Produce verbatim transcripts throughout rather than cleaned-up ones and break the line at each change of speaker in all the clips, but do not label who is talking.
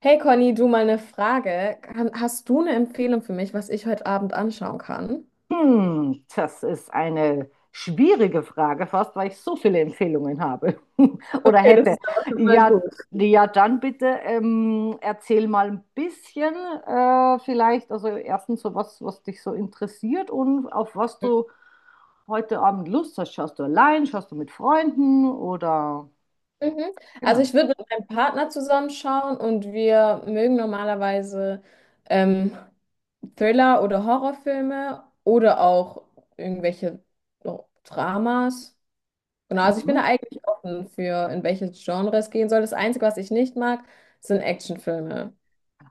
Hey Conny, du mal eine Frage. Kann- Hast du eine Empfehlung für mich, was ich heute Abend anschauen kann?
Hm, das ist eine schwierige Frage, fast weil ich so viele Empfehlungen habe oder
Okay, das
hätte.
ist aber schon mal
Ja,
gut.
ja, dann bitte ähm, erzähl mal ein bisschen äh, vielleicht, also erstens so was, was dich so interessiert und auf was du heute Abend Lust hast. Schaust du allein, schaust du mit Freunden oder
Mhm. Also
genau.
ich würde mit meinem Partner zusammenschauen und wir mögen normalerweise ähm, Thriller oder Horrorfilme oder auch irgendwelche so, Dramas. Genau, also ich bin da
Mhm.
eigentlich offen für, in welche Genre es gehen soll. Das Einzige, was ich nicht mag, sind Actionfilme.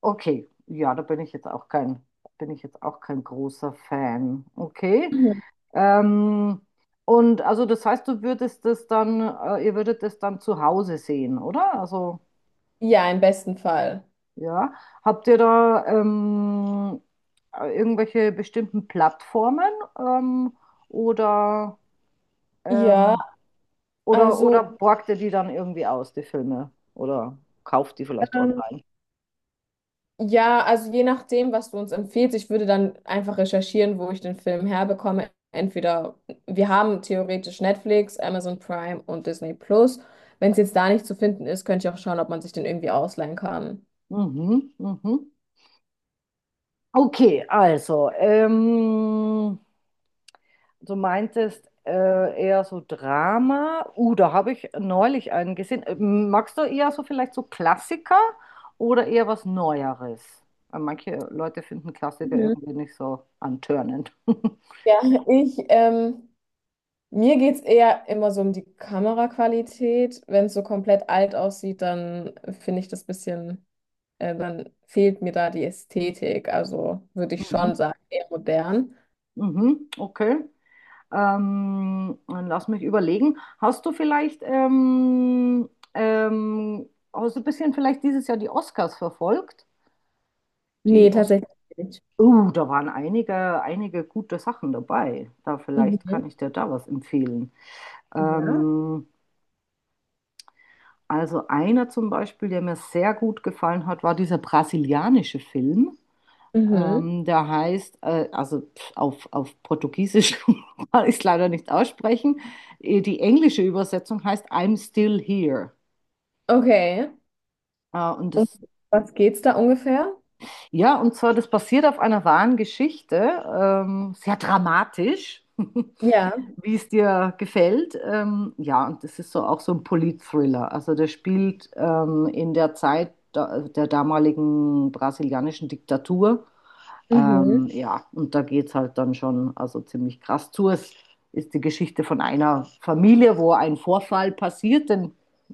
Okay, ja, da bin ich jetzt auch kein, bin ich jetzt auch kein großer Fan. Okay.
Mhm.
Ähm, und also das heißt, du würdest das dann, äh, ihr würdet das dann zu Hause sehen, oder? Also
Ja, im besten Fall.
ja, habt ihr da ähm, äh, irgendwelche bestimmten Plattformen ähm, oder,
Ja,
ähm, oder, oder
also.
borgt ihr die dann irgendwie aus, die Filme? Oder kauft die vielleicht
ähm,
online?
Ja, also je nachdem, was du uns empfiehlst, ich würde dann einfach recherchieren, wo ich den Film herbekomme. Entweder wir haben theoretisch Netflix, Amazon Prime und Disney Plus. Wenn es jetzt da nicht zu finden ist, könnte ich auch schauen, ob man sich den irgendwie ausleihen kann.
Mhm, mhm. Okay, also ähm, du meintest äh, eher so Drama. Uh, da habe ich neulich einen gesehen. Ähm, Magst du eher so vielleicht so Klassiker oder eher was Neueres? Weil manche Leute finden Klassiker
Mhm.
irgendwie nicht so antörnend.
Ja, ich, ähm, mir geht es eher immer so um die Kameraqualität. Wenn es so komplett alt aussieht, dann finde ich das bisschen, äh, dann fehlt mir da die Ästhetik. Also würde ich
Mhm,
schon sagen, eher modern.
mhm, okay. Ähm, dann lass mich überlegen. Hast du vielleicht, ähm, ähm, hast du ein bisschen vielleicht dieses Jahr die Oscars verfolgt?
Nee,
Die Os
tatsächlich nicht.
Oh, da waren einige, einige gute Sachen dabei. Da vielleicht
Mhm.
kann ich dir da was empfehlen.
Ja.
Ähm, also einer zum Beispiel, der mir sehr gut gefallen hat, war dieser brasilianische Film.
Mhm.
Ähm, der heißt, äh, also pf, auf, auf Portugiesisch kann ich es leider nicht aussprechen. Äh, Die englische Übersetzung heißt I'm Still Here.
Okay.
Äh, und
Um
das,
was geht's da ungefähr?
ja, und zwar, das basiert auf einer wahren Geschichte, ähm, sehr dramatisch.
Ja.
Wie es dir gefällt. Ähm, ja, und das ist so auch so ein Polit-Thriller. Also der spielt ähm, in der Zeit da, der damaligen brasilianischen Diktatur.
Mhm.
Ähm, ja, und da geht es halt dann schon also ziemlich krass zu. Es ist die Geschichte von einer Familie, wo ein Vorfall passiert, denn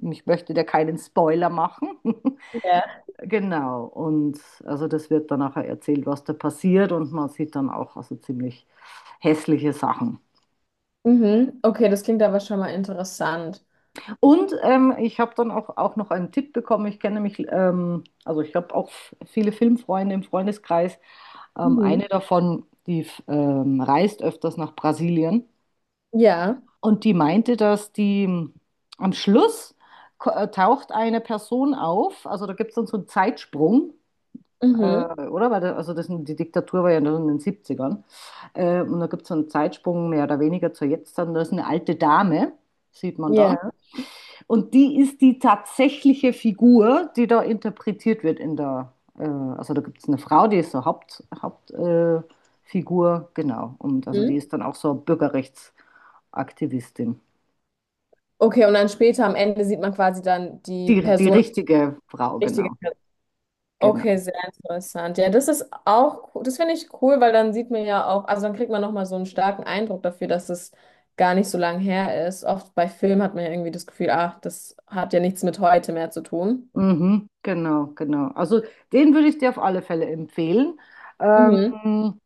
ich möchte dir keinen Spoiler machen.
Ja.
Genau, und also das wird dann nachher erzählt, was da passiert, und man sieht dann auch also ziemlich hässliche Sachen.
Mhm. Okay, das klingt aber schon mal interessant.
Und ähm, ich habe dann auch, auch noch einen Tipp bekommen. Ich kenne mich, ähm, also ich habe auch f- viele Filmfreunde im Freundeskreis. Ähm, eine
Mhm.
davon, die ähm, reist öfters nach Brasilien.
Ja.
Und die meinte, dass die ähm, am Schluss ko- äh, taucht eine Person auf. Also da gibt es dann so einen Zeitsprung, äh,
Mhm.
oder? Weil da, also das, die Diktatur war ja noch in den siebzigern. Äh, und da gibt es so einen Zeitsprung mehr oder weniger zur Jetzt. Dann da ist eine alte Dame, sieht man da.
Ja.
Und die ist die tatsächliche Figur, die da interpretiert wird, in der, äh, also da gibt es eine Frau, die ist so Haupt, Hauptfigur, äh, genau. Und also die
Mhm.
ist dann auch so Bürgerrechtsaktivistin.
Okay, und dann später am Ende sieht man quasi dann die
Die, die
Person,
richtige Frau,
die richtige
genau.
Person.
Genau.
Okay, sehr interessant. Ja, das ist auch, co- das finde ich cool, weil dann sieht man ja auch, also dann kriegt man nochmal so einen starken Eindruck dafür, dass es gar nicht so lange her ist. Oft bei Filmen hat man ja irgendwie das Gefühl, ach, das hat ja nichts mit heute mehr zu tun.
Mhm, genau, genau. Also den würde ich dir auf alle Fälle empfehlen.
Mhm.
Ähm,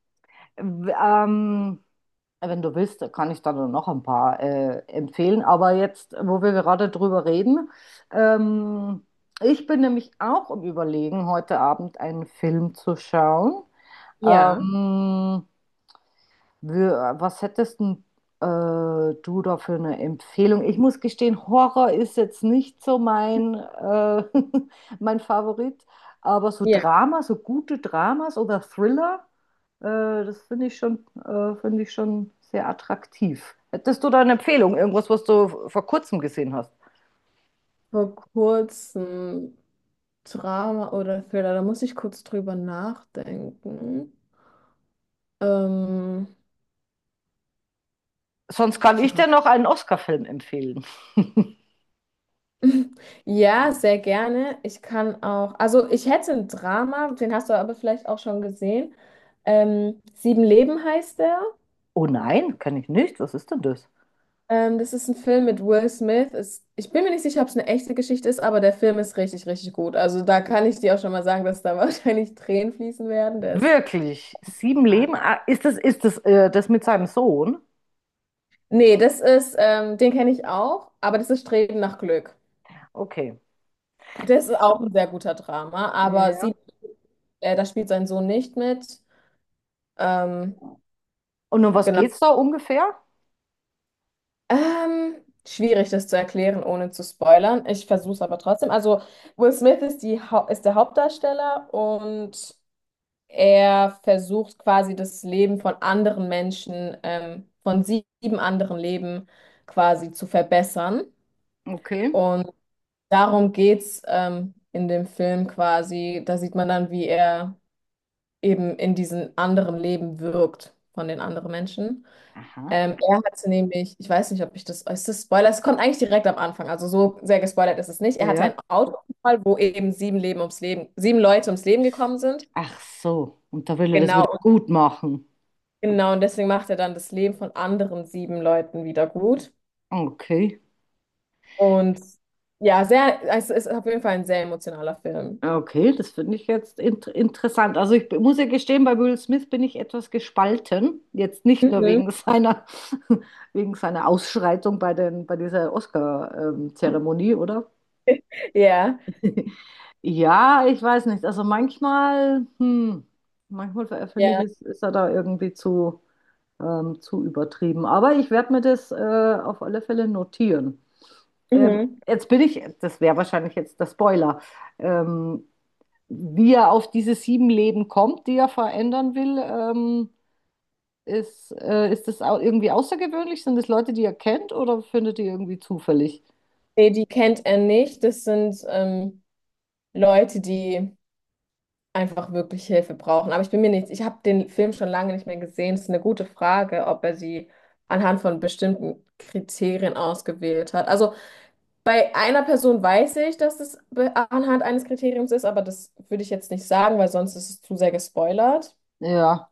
w- ähm, Wenn du willst, kann ich dann noch ein paar äh, empfehlen. Aber jetzt, wo wir gerade drüber reden, ähm, ich bin nämlich auch im Überlegen, heute Abend einen Film zu schauen.
Ja,
Ähm, wir- Was hättest denn, äh, du da für eine Empfehlung? Ich muss gestehen, Horror ist jetzt nicht so mein, äh, mein Favorit, aber so
Ja.
Drama, so gute Dramas oder Thriller, äh, das finde ich schon, äh, finde ich schon sehr attraktiv. Hättest du da eine Empfehlung, irgendwas, was du vor kurzem gesehen hast?
Vor kurzem Drama oder Thriller, da muss ich kurz drüber nachdenken. Ähm,
Sonst kann ich
Dra
dir noch einen Oscar-Film empfehlen.
Ja, sehr gerne. Ich kann auch, also ich hätte ein Drama, den hast du aber vielleicht auch schon gesehen. Ähm, Sieben Leben heißt der.
Oh nein, kann ich nicht. Was ist denn das?
Ähm, das ist ein Film mit Will Smith. Ist, ich bin mir nicht sicher, ob es eine echte Geschichte ist, aber der Film ist richtig, richtig gut. Also da kann ich dir auch schon mal sagen, dass da wahrscheinlich Tränen fließen werden. Der ist
Wirklich? Sieben Leben? Ah, Ist das, ist das, äh, das mit seinem Sohn?
Nee, das ist, ähm, den kenne ich auch, aber das ist Streben nach Glück.
Okay.
Das ist auch ein sehr guter Drama, aber
Ja.
sie, äh, da spielt sein Sohn nicht mit. Ähm,
Und um was
genau.
geht's da ungefähr?
Ähm, schwierig, das zu erklären, ohne zu spoilern. Ich versuche es aber trotzdem. Also, Will Smith ist die, Hau- ist der Hauptdarsteller und er versucht quasi das Leben von anderen Menschen, ähm, von sieben anderen Leben quasi zu verbessern.
Okay.
Und darum geht's ähm, in dem Film quasi. Da sieht man dann, wie er eben in diesen anderen Leben wirkt von den anderen Menschen.
Aha.
Ähm, er hatte nämlich, ich weiß nicht, ob ich das, ist das Spoiler? Es kommt eigentlich direkt am Anfang, also so sehr gespoilert ist es nicht. Er hatte einen
Ja.
Autounfall, wo eben sieben Leben ums Leben, sieben Leute ums Leben gekommen sind.
Ach so. Und da will er das
Genau,
wieder
und-
gut machen.
genau. Und deswegen macht er dann das Leben von anderen sieben Leuten wieder gut.
Okay.
Und ja, sehr, es ist auf jeden Fall ein sehr emotionaler Film.
Okay, das finde ich jetzt int interessant. Also ich muss ja gestehen, bei Will Smith bin ich etwas gespalten. Jetzt nicht nur
Mhm.
wegen seiner, wegen seiner Ausschreitung bei den, bei dieser Oscar-Zeremonie, oder?
Ja,
Ja, ich weiß nicht. Also manchmal, hm, manchmal finde ich,
ja.
ist, ist er da irgendwie zu. ähm, zu übertrieben. Aber ich werde mir das äh, auf alle Fälle notieren. Ähm,
Mhm.
jetzt bin ich, das wäre wahrscheinlich jetzt der Spoiler, ähm, wie er auf diese sieben Leben kommt, die er verändern will. Ähm, ist, äh, ist das au- irgendwie außergewöhnlich? Sind das Leute, die er kennt oder findet ihr irgendwie zufällig?
Nee, die kennt er nicht. Das sind ähm, Leute, die einfach wirklich Hilfe brauchen. Aber ich bin mir nicht, ich habe den Film schon lange nicht mehr gesehen. Es ist eine gute Frage, ob er sie anhand von bestimmten Kriterien ausgewählt hat. Also bei einer Person weiß ich, dass es be- anhand eines Kriteriums ist, aber das würde ich jetzt nicht sagen, weil sonst ist es zu sehr gespoilert.
Ja,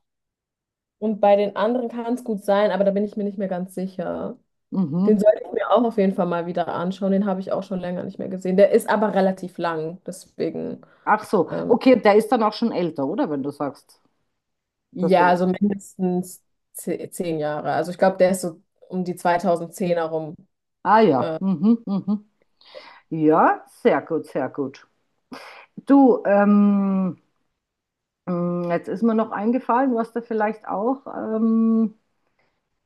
Und bei den anderen kann es gut sein, aber da bin ich mir nicht mehr ganz sicher.
mhm.
Den sollte ich mir auch auf jeden Fall mal wieder anschauen. Den habe ich auch schon länger nicht mehr gesehen. Der ist aber relativ lang, deswegen
Ach so,
ähm,
okay, der ist dann auch schon älter, oder? Wenn du sagst, dass du
ja,
den...
so mindestens ze- zehn Jahre. Also ich glaube, der ist so um die zwanzigzehner rum.
Ah ja, mhm, mhm. Ja, sehr gut, sehr gut. Du, ähm, Hm, jetzt ist mir noch eingefallen, du hast da vielleicht auch ähm,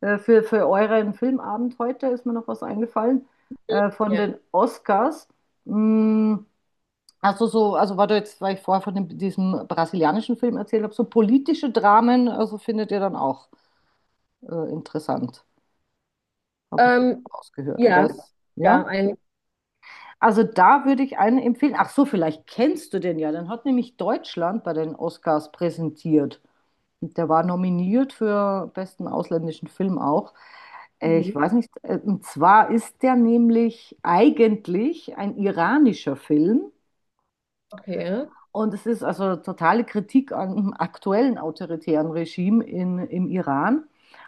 äh, für, für euren Filmabend heute ist mir noch was eingefallen äh, von
Ja.
den Oscars. Hm, also so, also weil du jetzt, weil ich vorher von dem, diesem brasilianischen Film erzählt habe, so politische Dramen, also findet ihr dann auch äh, interessant, habe ich jetzt
Ähm,
rausgehört, oder
ja,
ist,
ja,
ja?
ein.
Also da würde ich einen empfehlen. Ach so, vielleicht kennst du den ja. Den hat nämlich Deutschland bei den Oscars präsentiert. Und der war nominiert für besten ausländischen Film auch. Äh, Ich
Mhm.
weiß nicht, äh, und zwar ist der nämlich eigentlich ein iranischer Film.
Okay.
Und es ist also totale Kritik an dem aktuellen autoritären Regime in, im Iran.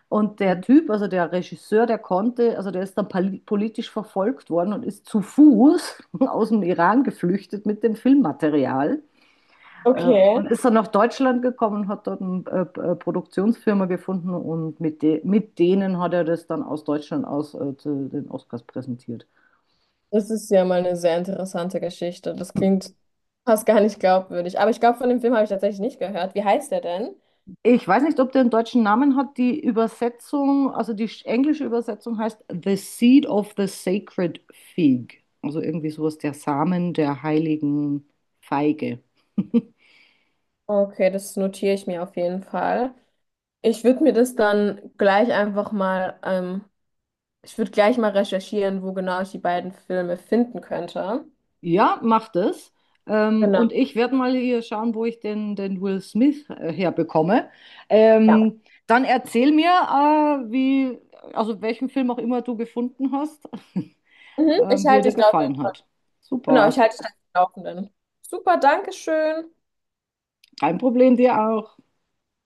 Und der Typ, also der Regisseur, der konnte, also der ist dann poli- politisch verfolgt worden und ist zu Fuß aus dem Iran geflüchtet mit dem Filmmaterial. Äh,
Okay.
Und ist dann nach Deutschland gekommen, hat dort eine äh, äh, Produktionsfirma gefunden, und mit, de mit denen hat er das dann aus Deutschland aus äh, zu den Oscars präsentiert.
Das ist ja mal eine sehr interessante Geschichte. Das klingt fast gar nicht glaubwürdig. Aber ich glaube, von dem Film habe ich tatsächlich nicht gehört. Wie heißt der denn?
Ich weiß nicht, ob der einen deutschen Namen hat. Die Übersetzung, also die sch- englische Übersetzung heißt The Seed of the Sacred Fig. Also irgendwie sowas, der Samen der heiligen Feige.
Okay, das notiere ich mir auf jeden Fall. Ich würde mir das dann gleich einfach mal, ähm, ich würde gleich mal recherchieren, wo genau ich die beiden Filme finden könnte.
Ja, macht es. Ähm, und
Genau.
ich werde mal hier schauen, wo ich den, den Will Smith äh, herbekomme.
Ja.
Ähm, Dann erzähl mir, äh, wie, also welchen Film auch immer du gefunden hast,
Mhm, ich
ähm, wie er
halte
dir
dich da auf,
gefallen hat.
genau, ich
Super.
halte dich da auf den Laufenden. Super, Dankeschön.
Kein Problem, dir auch.